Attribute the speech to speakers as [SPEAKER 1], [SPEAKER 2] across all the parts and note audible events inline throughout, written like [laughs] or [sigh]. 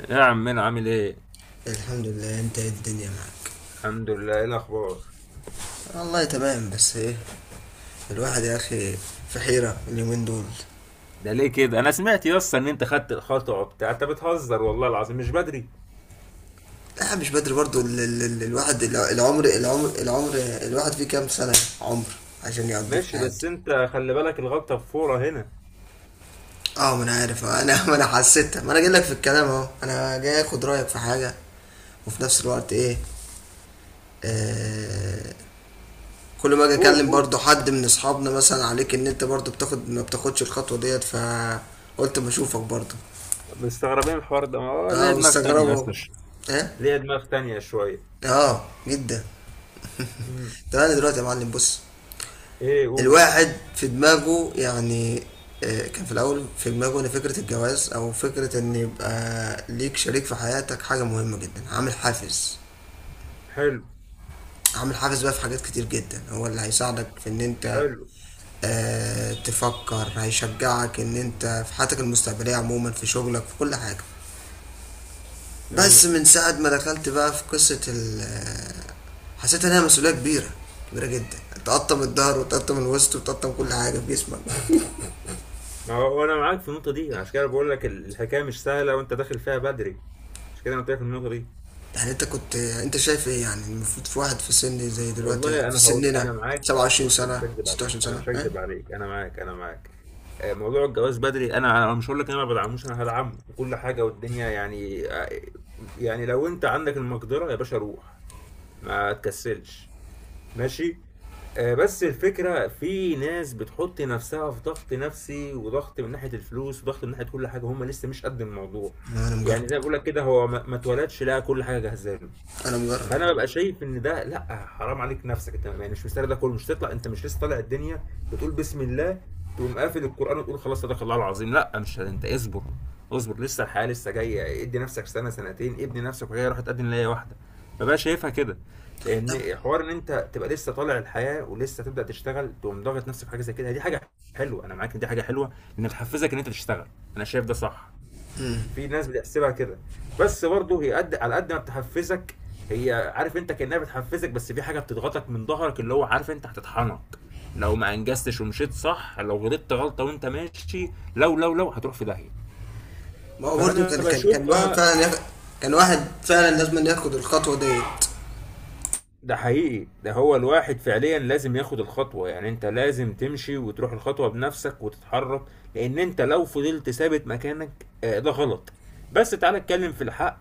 [SPEAKER 1] ايه يا عمنا عامل ايه؟
[SPEAKER 2] الحمد لله، انت ايه؟ الدنيا معاك.
[SPEAKER 1] الحمد لله، ايه الاخبار؟
[SPEAKER 2] والله تمام، بس ايه، الواحد يا اخي في حيرة اليومين دول.
[SPEAKER 1] ده ليه كده؟ انا سمعت يا اسطى ان انت خدت الخطوه وبتاع. انت بتهزر والله العظيم، مش بدري.
[SPEAKER 2] لا مش بدري برضو. ال ال ال الواحد العمر، الواحد فيه كام سنة عمر عشان يقضيه في
[SPEAKER 1] ماشي
[SPEAKER 2] حياته؟
[SPEAKER 1] بس انت خلي بالك، الغلطه في فوره هنا.
[SPEAKER 2] اه، ما انا عارف، اه، انا [laughs] ما انا حسيت، ما انا جاي لك في الكلام اهو، انا جاي اخد رايك في حاجه، وفي نفس الوقت ايه، كل ما اجي
[SPEAKER 1] قول
[SPEAKER 2] اكلم
[SPEAKER 1] قول.
[SPEAKER 2] برضو حد من اصحابنا مثلا عليك ان انت برضو بتاخد ما بتاخدش الخطوه ديت، فقلت ما اشوفك برضو.
[SPEAKER 1] مستغربين الحوار ده، ما هو
[SPEAKER 2] اه
[SPEAKER 1] ليه دماغ تانية يا اسطى.
[SPEAKER 2] مستغربه. ايه.
[SPEAKER 1] ليا دماغ تانية شوية.
[SPEAKER 2] اه جدا.
[SPEAKER 1] امم
[SPEAKER 2] طب انا دلوقتي يا معلم، بص،
[SPEAKER 1] ايه قول.
[SPEAKER 2] الواحد في دماغه يعني، كان في الاول في دماغه ان فكره الجواز او فكره ان يبقى ليك شريك في حياتك حاجه مهمه جدا، عامل حافز.
[SPEAKER 1] حلو.
[SPEAKER 2] عامل حافز بقى في حاجات كتير جدا، هو اللي هيساعدك في ان انت
[SPEAKER 1] حلو.
[SPEAKER 2] تفكر، هيشجعك ان انت في حياتك المستقبليه عموما، في شغلك في كل حاجه. بس
[SPEAKER 1] جميل.
[SPEAKER 2] من ساعه ما دخلت بقى في قصه حسيت انها مسؤوليه كبيره، كبيره جدا، تقطم الظهر وتقطم الوسط وتقطم كل حاجه في جسمك.
[SPEAKER 1] ما هو انا معاك في النقطة دي، عشان كده بقول لك الحكاية مش سهلة وانت داخل فيها بدري. عشان كده انا قلت لك النقطة دي.
[SPEAKER 2] يعني انت كنت انت شايف ايه يعني؟ المفروض في واحد في سن زي دلوقتي
[SPEAKER 1] والله
[SPEAKER 2] في
[SPEAKER 1] انا هقول. انا
[SPEAKER 2] سننا،
[SPEAKER 1] معاك،
[SPEAKER 2] 27
[SPEAKER 1] بص، انا مش
[SPEAKER 2] سنه،
[SPEAKER 1] هكدب عليك،
[SPEAKER 2] 26
[SPEAKER 1] انا
[SPEAKER 2] سنه،
[SPEAKER 1] مش
[SPEAKER 2] ها؟
[SPEAKER 1] هكدب عليك، انا معاك، انا معاك. موضوع الجواز بدري، انا مش هقول لك انا ما بدعموش، انا هدعمه وكل حاجه والدنيا يعني يعني لو انت عندك المقدره يا باشا روح. ما تكسلش. ماشي. بس الفكره في ناس بتحط نفسها في ضغط نفسي وضغط من ناحيه الفلوس وضغط من ناحيه كل حاجه، هم لسه مش قد الموضوع.
[SPEAKER 2] انا مجرب.
[SPEAKER 1] يعني زي ما بقول لك كده، هو ما اتولدش لقى كل حاجه جاهزه له.
[SPEAKER 2] انا مجرب.
[SPEAKER 1] فانا ببقى شايف ان ده لا، حرام عليك نفسك انت، يعني مش مستاهل ده كله، مش تطلع، انت مش لسه طالع الدنيا بتقول بسم الله تقوم قافل القران وتقول خلاص صدق الله العظيم. لا مش انت، اصبر. اصبر لسه الحياه لسه جايه، ادي نفسك سنه سنتين ابني نفسك وهي راح تقدم ليا واحده. ببقى شايفها كده.
[SPEAKER 2] طب
[SPEAKER 1] لان حوار ان انت تبقى لسه طالع الحياه ولسه تبدا تشتغل تقوم ضاغط نفسك في حاجه زي كده، دي حاجه حلوه، انا معاك ان دي حاجه حلوه، لان بتحفزك ان انت تشتغل. انا شايف ده صح. في ناس بتحسبها كده. بس برضه هي قد على قد ما بتحفزك، هي عارف انت كانها بتحفزك بس في حاجه بتضغطك من ظهرك، اللي هو عارف انت، هتطحنك لو ما انجزتش ومشيت صح، لو غلطت غلطه وانت ماشي، لو هتروح في داهيه.
[SPEAKER 2] ما هو برضه
[SPEAKER 1] فانا
[SPEAKER 2] كان الواحد
[SPEAKER 1] بشوفها.
[SPEAKER 2] فعلا ياخد، كان واحد فعلا لازم ياخد الخطوه ديت.
[SPEAKER 1] ده حقيقي، ده هو الواحد فعليا لازم ياخد الخطوه. يعني انت لازم تمشي وتروح الخطوه بنفسك وتتحرك، لان انت لو فضلت ثابت مكانك، ده غلط. بس تعالى اتكلم في الحق،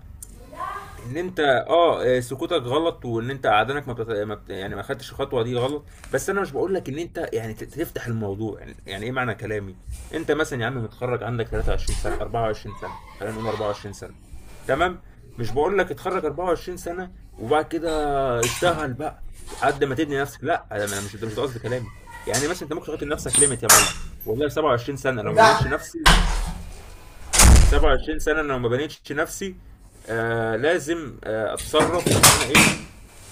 [SPEAKER 1] ان انت سكوتك غلط، وان انت قعدانك ما, بتت... ما بت... يعني ما خدتش الخطوه دي، غلط. بس انا مش بقول لك ان انت يعني تفتح الموضوع، يعني، يعني ايه معنى كلامي. انت مثلا يا عم متخرج عندك 23 سنه 24 سنه، خلينا نقول 24 سنه، تمام؟ مش بقول لك اتخرج 24 سنه وبعد كده اشتغل بقى لحد ما تبني نفسك، لا، ده انا مش ده مش ده قصدي كلامي. يعني مثلا انت ممكن تحط لنفسك ليميت يا معلم، والله 27 سنه لو ما بنيتش نفسي، 27 سنة انا لو ما بنيتش نفسي، آه لازم آه اتصرف ان انا ايه،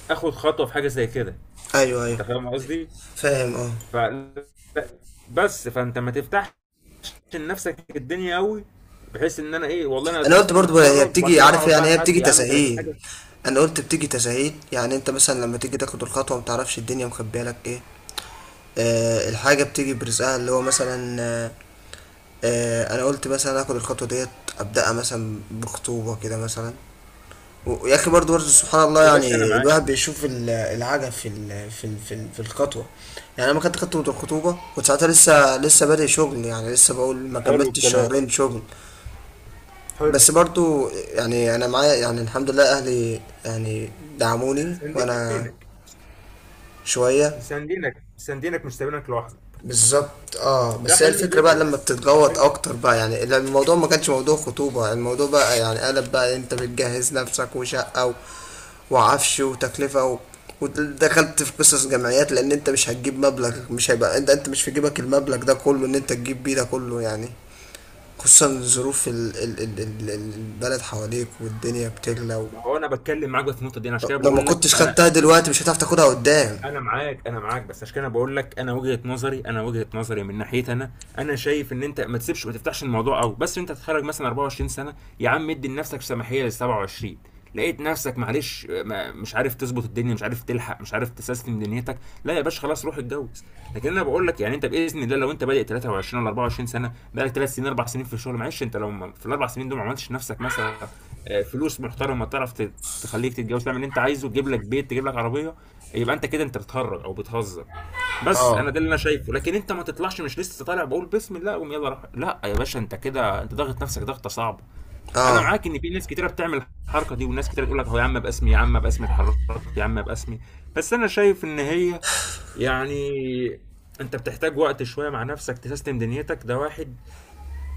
[SPEAKER 1] اخد خطوة في حاجة زي كده.
[SPEAKER 2] ايوه ايوه،
[SPEAKER 1] انت فاهم قصدي؟
[SPEAKER 2] فاهم اه.
[SPEAKER 1] ف بس فانت ما تفتحش لنفسك الدنيا قوي، بحيث ان انا ايه والله انا
[SPEAKER 2] انا
[SPEAKER 1] 30
[SPEAKER 2] قلت
[SPEAKER 1] سنة
[SPEAKER 2] برضو هي
[SPEAKER 1] متخرج وبعد
[SPEAKER 2] بتيجي
[SPEAKER 1] كده
[SPEAKER 2] عارف
[SPEAKER 1] هقعد بقى
[SPEAKER 2] يعني، هي
[SPEAKER 1] لحد
[SPEAKER 2] بتيجي
[SPEAKER 1] يا عم 30
[SPEAKER 2] تساهيل.
[SPEAKER 1] حاجة.
[SPEAKER 2] انا قلت بتيجي تساهيل، يعني انت مثلا لما تيجي تاخد الخطوه ما تعرفش الدنيا مخبيه لك ايه. الحاجة بتيجي برزقها، اللي هو مثلا انا قلت مثلا اخد الخطوة ديت، ابدأها مثلا بخطوبة كده مثلا. و- ويا اخي برضه سبحان الله،
[SPEAKER 1] يا باشا انا
[SPEAKER 2] يعني
[SPEAKER 1] معاك.
[SPEAKER 2] الواحد بيشوف العجب في الخطوة. يعني انا ما كنت خدت الخطوبة كنت ساعتها لسه بادئ شغل، يعني لسه بقول ما
[SPEAKER 1] حلو
[SPEAKER 2] كملتش
[SPEAKER 1] الكلام.
[SPEAKER 2] شهرين شغل.
[SPEAKER 1] حلو.
[SPEAKER 2] بس برضه يعني انا معايا يعني الحمد لله اهلي، يعني دعموني وانا
[SPEAKER 1] سندينك.
[SPEAKER 2] شوية.
[SPEAKER 1] سندينك سندينك، مش سايبينك لوحدك.
[SPEAKER 2] بالظبط اه.
[SPEAKER 1] ده
[SPEAKER 2] بس هي
[SPEAKER 1] حلو
[SPEAKER 2] الفكرة بقى
[SPEAKER 1] جدا.
[SPEAKER 2] لما
[SPEAKER 1] ده
[SPEAKER 2] بتتجوط
[SPEAKER 1] حلو.
[SPEAKER 2] اكتر بقى، يعني لأن الموضوع ما كانش موضوع خطوبة، الموضوع بقى يعني قلب بقى، انت بتجهز نفسك وشقة و... وعفش وتكلفة، و... ودخلت في قصص جمعيات، لان انت مش هتجيب مبلغ، مش هيبقى انت مش في جيبك المبلغ ده كله ان انت تجيب بيه ده كله يعني، خصوصا ظروف البلد حواليك والدنيا بتغلى. و...
[SPEAKER 1] ما هو انا بتكلم معاك بقى في النقطه دي، انا عشان كده
[SPEAKER 2] لو ما
[SPEAKER 1] بقول لك
[SPEAKER 2] كنتش
[SPEAKER 1] انا.
[SPEAKER 2] خدتها دلوقتي مش هتعرف تاخدها قدام.
[SPEAKER 1] انا معاك، انا معاك، بس عشان كده بقول لك انا وجهة نظري، انا وجهة نظري من ناحيتي انا. انا شايف ان انت ما تسيبش، ما تفتحش الموضوع قوي، بس انت تتخرج مثلا 24 سنه، يا عم ادي لنفسك سماحيه لل 27، لقيت نفسك معلش ما مش عارف تظبط الدنيا، مش عارف تلحق، مش عارف تسيستم دنيتك، لا يا باشا، خلاص روح اتجوز. لكن انا بقول لك، يعني انت باذن الله لو انت بادئ 23 ولا 24 سنه، بقالك 3 سنين 4 سنين في الشغل، معلش انت لو في الاربع سنين دول ما عملتش نفسك مثلا فلوس محترمه، تعرف تخليك تتجوز، تعمل اللي انت عايزه، تجيب لك بيت، تجيب لك عربيه، يبقى انت كده انت بتهرج او بتهزر. بس
[SPEAKER 2] اه.
[SPEAKER 1] انا ده اللي انا شايفه. لكن انت ما تطلعش مش لسه طالع بقول بسم الله اقوم يلا راح، لا يا باشا انت كده انت ضاغط نفسك ضغطه صعبه. انا
[SPEAKER 2] اه.
[SPEAKER 1] معاك ان في ناس كتيره بتعمل الحركه دي، وناس كتيره تقول لك هو يا عم باسمي، يا عم باسمي اتحركت، يا عم باسمي. بس انا شايف ان هي يعني، انت بتحتاج وقت شويه مع نفسك تسيستم دنيتك، ده واحد.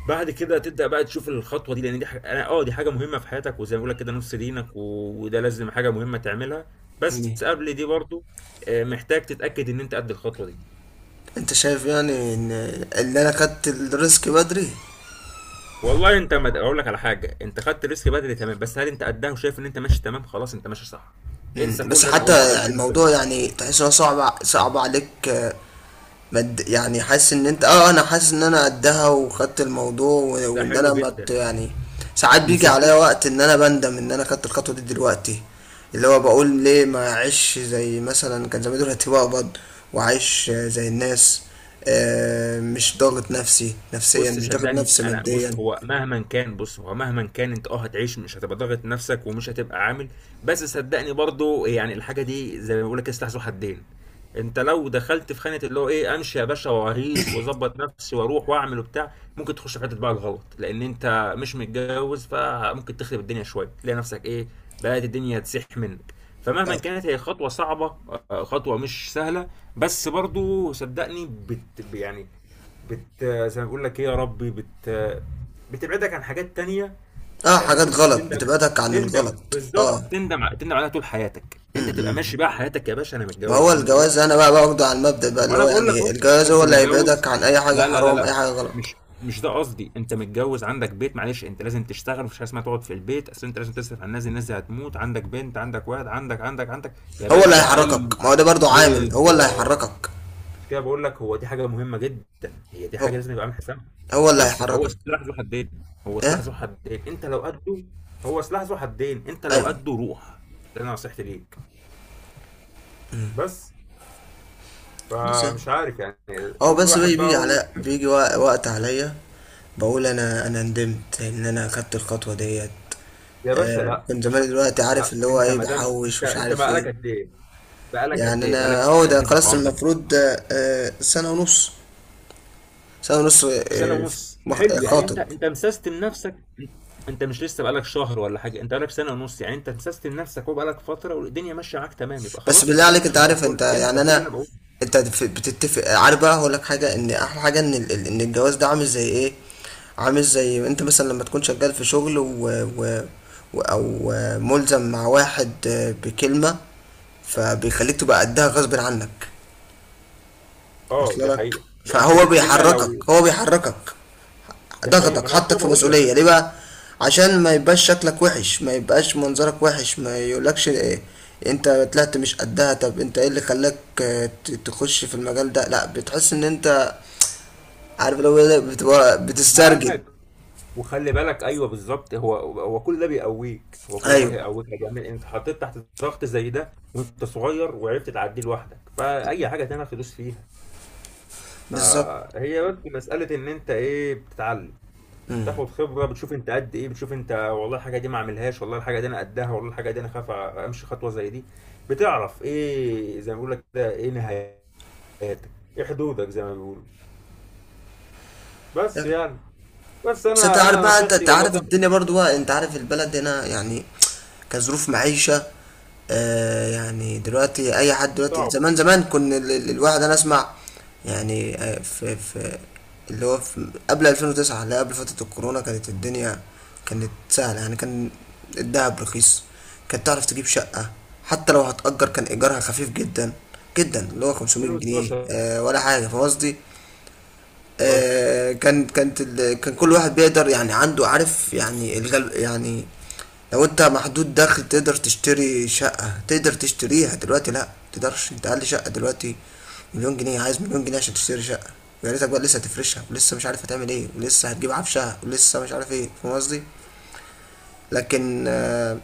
[SPEAKER 1] بعد كده تبدا بقى تشوف الخطوه دي، لان دي حاجه دي حاجه مهمه في حياتك، وزي ما بقول لك كده نص دينك وده لازم حاجه مهمه تعملها. بس قبل دي برضو محتاج تتاكد ان انت قد الخطوه دي.
[SPEAKER 2] انت شايف يعني ان اللي انا خدت الريسك بدري؟
[SPEAKER 1] والله انت ما اقول لك على حاجه، انت خدت ريسك بدري تمام، بس هل انت قدها وشايف ان انت ماشي تمام؟ خلاص انت ماشي صح.
[SPEAKER 2] مم.
[SPEAKER 1] انسى كل
[SPEAKER 2] بس
[SPEAKER 1] اللي انا قلته ده،
[SPEAKER 2] حتى
[SPEAKER 1] اركنه
[SPEAKER 2] الموضوع
[SPEAKER 1] جنبك.
[SPEAKER 2] يعني تحس انه صعب، صعب عليك، مد يعني حاسس ان انت اه، انا حاسس ان انا قدها وخدت الموضوع، و-
[SPEAKER 1] ده
[SPEAKER 2] وان
[SPEAKER 1] حلو
[SPEAKER 2] انا مت
[SPEAKER 1] جدا.
[SPEAKER 2] يعني. ساعات بيجي عليا
[SPEAKER 1] وسستمت.
[SPEAKER 2] وقت ان انا بندم ان انا خدت الخطوة دي دلوقتي، اللي هو بقول ليه ما اعيش زي مثلا كان زمان، دلوقتي بقبض واعيش زي الناس، مش ضاغط نفسي نفسيا،
[SPEAKER 1] بص
[SPEAKER 2] مش ضاغط
[SPEAKER 1] صدقني
[SPEAKER 2] نفسي
[SPEAKER 1] انا،
[SPEAKER 2] ماديا.
[SPEAKER 1] بص هو مهما كان، بص هو مهما كان انت اه هتعيش، مش هتبقى ضاغط نفسك ومش هتبقى عامل. بس صدقني برضو يعني الحاجه دي زي ما بقول لك كده سلاح ذو حدين. انت لو دخلت في خانه اللي هو ايه، امشي يا باشا واهيس واظبط نفسي واروح واعمل وبتاع، ممكن تخش في حته بقى الغلط، لان انت مش متجوز، فممكن تخرب الدنيا شويه، تلاقي نفسك ايه، بقت الدنيا تسيح منك. فمهما كانت هي خطوه صعبه، خطوه مش سهله، بس برضو صدقني بت يعني، بت زي ما بقول لك ايه يا ربي، بت بتبعدك عن حاجات تانية.
[SPEAKER 2] اه، حاجات
[SPEAKER 1] ممكن تخليك
[SPEAKER 2] غلط،
[SPEAKER 1] تندم.
[SPEAKER 2] بتبعدك عن
[SPEAKER 1] تندم
[SPEAKER 2] الغلط،
[SPEAKER 1] بالظبط،
[SPEAKER 2] اه.
[SPEAKER 1] تندم تندم عليها طول حياتك انت، تبقى
[SPEAKER 2] م-م.
[SPEAKER 1] ماشي بقى حياتك يا باشا، انا
[SPEAKER 2] ما
[SPEAKER 1] متجوز
[SPEAKER 2] هو
[SPEAKER 1] عندي بيت.
[SPEAKER 2] الجواز انا بقى باخده على المبدأ بقى، اللي
[SPEAKER 1] وانا
[SPEAKER 2] هو يعني
[SPEAKER 1] بقول لك
[SPEAKER 2] ايه،
[SPEAKER 1] اهو،
[SPEAKER 2] الجواز
[SPEAKER 1] انت
[SPEAKER 2] هو اللي
[SPEAKER 1] متجوز.
[SPEAKER 2] هيبعدك عن اي حاجة
[SPEAKER 1] لا لا لا
[SPEAKER 2] حرام، اي
[SPEAKER 1] لا،
[SPEAKER 2] حاجة غلط.
[SPEAKER 1] مش مش ده قصدي، انت متجوز عندك بيت، معلش انت لازم تشتغل، مفيش حاجه اسمها تقعد في البيت، اصل انت لازم تصرف على الناس دي، الناس دي هتموت، عندك بنت، عندك واحد، عندك عندك عندك. يا
[SPEAKER 2] هو اللي
[SPEAKER 1] باشا اي.
[SPEAKER 2] هيحركك، ما هو ده برضو عامل، هو اللي
[SPEAKER 1] بالظبط.
[SPEAKER 2] هيحركك.
[SPEAKER 1] مش كده بقول لك، هو دي حاجه مهمه جدا، هي دي حاجه
[SPEAKER 2] هو
[SPEAKER 1] لازم يبقى عامل حسابها.
[SPEAKER 2] هو اللي
[SPEAKER 1] بس فهو
[SPEAKER 2] هيحركك.
[SPEAKER 1] سلاح ذو حدين. هو سلاح
[SPEAKER 2] ايه.
[SPEAKER 1] ذو حدين انت لو قده. هو سلاح ذو حدين انت لو
[SPEAKER 2] ايوه.
[SPEAKER 1] قده روح. ده انا نصيحتي ليك. بس
[SPEAKER 2] خلاص يعني.
[SPEAKER 1] فمش عارف يعني.
[SPEAKER 2] هو
[SPEAKER 1] كل
[SPEAKER 2] بس
[SPEAKER 1] واحد بقى
[SPEAKER 2] بيجي
[SPEAKER 1] هو.
[SPEAKER 2] على، بيجي وقت عليا بقول انا، انا ندمت ان انا اخدت الخطوة ديت.
[SPEAKER 1] يا باشا
[SPEAKER 2] آه
[SPEAKER 1] لا يا
[SPEAKER 2] كنت
[SPEAKER 1] باشا.
[SPEAKER 2] زمان، دلوقتي عارف
[SPEAKER 1] لا
[SPEAKER 2] اللي هو
[SPEAKER 1] انت
[SPEAKER 2] ايه
[SPEAKER 1] ما دام
[SPEAKER 2] بحوش
[SPEAKER 1] انت
[SPEAKER 2] ومش
[SPEAKER 1] انت
[SPEAKER 2] عارف
[SPEAKER 1] بقالك
[SPEAKER 2] ايه.
[SPEAKER 1] قد ايه، بقالك
[SPEAKER 2] يعني
[SPEAKER 1] قد ايه،
[SPEAKER 2] انا
[SPEAKER 1] بقالك
[SPEAKER 2] هو
[SPEAKER 1] قد
[SPEAKER 2] ده
[SPEAKER 1] ايه في
[SPEAKER 2] خلاص
[SPEAKER 1] الحوار ده.
[SPEAKER 2] المفروض، سنة ونص. سنة ونص،
[SPEAKER 1] سنة ونص، حلو، يعني انت
[SPEAKER 2] خاطب.
[SPEAKER 1] انت مسستم نفسك. انت مش لسه بقالك شهر ولا حاجة، انت بقالك سنة ونص، يعني انت مسستم نفسك وبقالك فترة والدنيا ماشية معاك تمام، يبقى
[SPEAKER 2] بس
[SPEAKER 1] خلاص انت
[SPEAKER 2] بالله
[SPEAKER 1] كده
[SPEAKER 2] عليك، انت
[SPEAKER 1] ماشي زي
[SPEAKER 2] عارف، انت
[SPEAKER 1] الفل، انسى
[SPEAKER 2] يعني
[SPEAKER 1] كل اللي انا
[SPEAKER 2] انا،
[SPEAKER 1] بقوله.
[SPEAKER 2] انت بتتفق، عارف بقى هقول لك حاجة، ان احلى حاجة ان ان الجواز ده عامل زي ايه؟ عامل زي انت مثلا لما تكون شغال في شغل و و- او ملزم مع واحد بكلمة، فبيخليك تبقى قدها غصب عنك.
[SPEAKER 1] اه
[SPEAKER 2] اصل
[SPEAKER 1] دي
[SPEAKER 2] لك،
[SPEAKER 1] حقيقة، ده انت
[SPEAKER 2] فهو
[SPEAKER 1] اديت كلمة لو.
[SPEAKER 2] بيحركك، هو بيحركك.
[SPEAKER 1] دي حقيقة، ما
[SPEAKER 2] ضغطك
[SPEAKER 1] انا عشان
[SPEAKER 2] حطك
[SPEAKER 1] كده
[SPEAKER 2] في
[SPEAKER 1] بقول
[SPEAKER 2] مسؤولية،
[SPEAKER 1] لك.
[SPEAKER 2] ليه بقى؟ عشان ما يبقاش شكلك وحش، ما يبقاش منظرك وحش، ما يقولكش إيه انت طلعت مش قدها، طب انت ايه اللي خلاك تخش في المجال ده؟ لا، بتحس ان انت عارف، لو بتبقى بتسترجل.
[SPEAKER 1] معاك، وخلي بالك، ايوه بالظبط، هو هو كل ده بيقويك، هو كل ده
[SPEAKER 2] ايوه
[SPEAKER 1] هيقويك يا جميل. انت حطيت تحت ضغط زي ده وانت صغير وعرفت تعديه لوحدك، فاي حاجة تانية هتدوس فيها.
[SPEAKER 2] بالظبط.
[SPEAKER 1] فهي بس مسألة إن أنت إيه بتتعلم، تاخد خبره، بتشوف انت قد ايه، بتشوف انت والله الحاجه دي ما اعملهاش، والله الحاجه دي انا قدها، والله الحاجه دي انا خايف امشي خطوه زي دي. بتعرف ايه زي ما بيقول لك كده، ايه نهاياتك، ايه حدودك زي ما بيقولوا. بس يعني، بس
[SPEAKER 2] بس انت
[SPEAKER 1] انا
[SPEAKER 2] عارف
[SPEAKER 1] انا
[SPEAKER 2] بقى، انت
[SPEAKER 1] نصيحتي
[SPEAKER 2] أنت
[SPEAKER 1] والله،
[SPEAKER 2] عارف
[SPEAKER 1] ده مش.
[SPEAKER 2] الدنيا برضو بقى، انت عارف البلد هنا، يعني كظروف معيشة، آه، يعني دلوقتي اي حد دلوقتي،
[SPEAKER 1] صعبه.
[SPEAKER 2] زمان زمان كنا الواحد انا اسمع يعني، في اللي هو في قبل 2009، اللي قبل فترة الكورونا، كانت الدنيا كانت سهلة يعني، كان الدهب رخيص، كانت تعرف تجيب شقة، حتى لو هتأجر كان إيجارها خفيف جدا جدا، اللي هو 500 جنيه
[SPEAKER 1] 2012.
[SPEAKER 2] آه ولا حاجة، فاهم قصدي؟
[SPEAKER 1] قصدي
[SPEAKER 2] كان كان كل واحد بيقدر يعني عنده عارف يعني الغل يعني، لو انت محدود دخل تقدر تشتري شقة، تقدر تشتريها دلوقتي؟ لا تقدرش، انت اقل شقة دلوقتي مليون جنيه، عايز مليون جنيه عشان تشتري شقة، ويا ريتك بقى لسه هتفرشها ولسه مش عارف هتعمل ايه ولسه هتجيب عفشها ولسه مش عارف ايه، فاهم قصدي؟ لكن آه،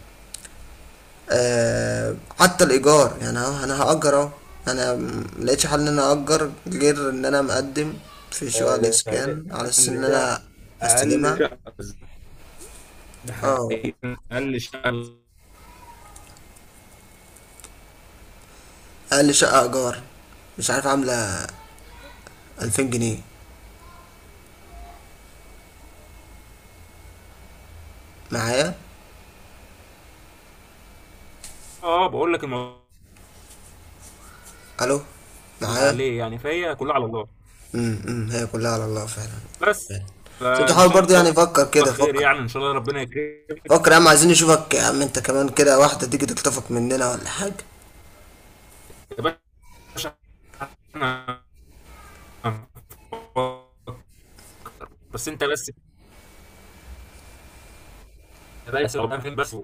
[SPEAKER 2] آه حتى الايجار يعني، انا هاجر اهو، انا ملقتش حل ان انا اجر غير ان انا مقدم في شقق
[SPEAKER 1] ده فعلا
[SPEAKER 2] الاسكان على اساس ان
[SPEAKER 1] اقل شقه.
[SPEAKER 2] انا
[SPEAKER 1] اقل
[SPEAKER 2] هستلمها.
[SPEAKER 1] شقه، ده
[SPEAKER 2] اه،
[SPEAKER 1] حقيقي. اقل شقه.
[SPEAKER 2] اقل شقه ايجار مش عارف عامله 2000 جنيه معايا.
[SPEAKER 1] اه بقول لك، الموضوع
[SPEAKER 2] الو؟
[SPEAKER 1] اللي
[SPEAKER 2] معايا.
[SPEAKER 1] عليه يعني، فهي كلها على الله.
[SPEAKER 2] أمم، هي كلها على الله فعلا.
[SPEAKER 1] بس
[SPEAKER 2] بس انت
[SPEAKER 1] فان
[SPEAKER 2] حاول برضه،
[SPEAKER 1] شاء
[SPEAKER 2] يعني فكر كده،
[SPEAKER 1] الله خير،
[SPEAKER 2] فكر،
[SPEAKER 1] يعني ان شاء الله ربنا يكرمك.
[SPEAKER 2] فكر يا عم، عايزين نشوفك يا عم، انت كمان كده واحده تيجي تخطفك مننا ولا حاجه.
[SPEAKER 1] يا باشا احنا. بس انت بس. يا باشا قدام فين بس.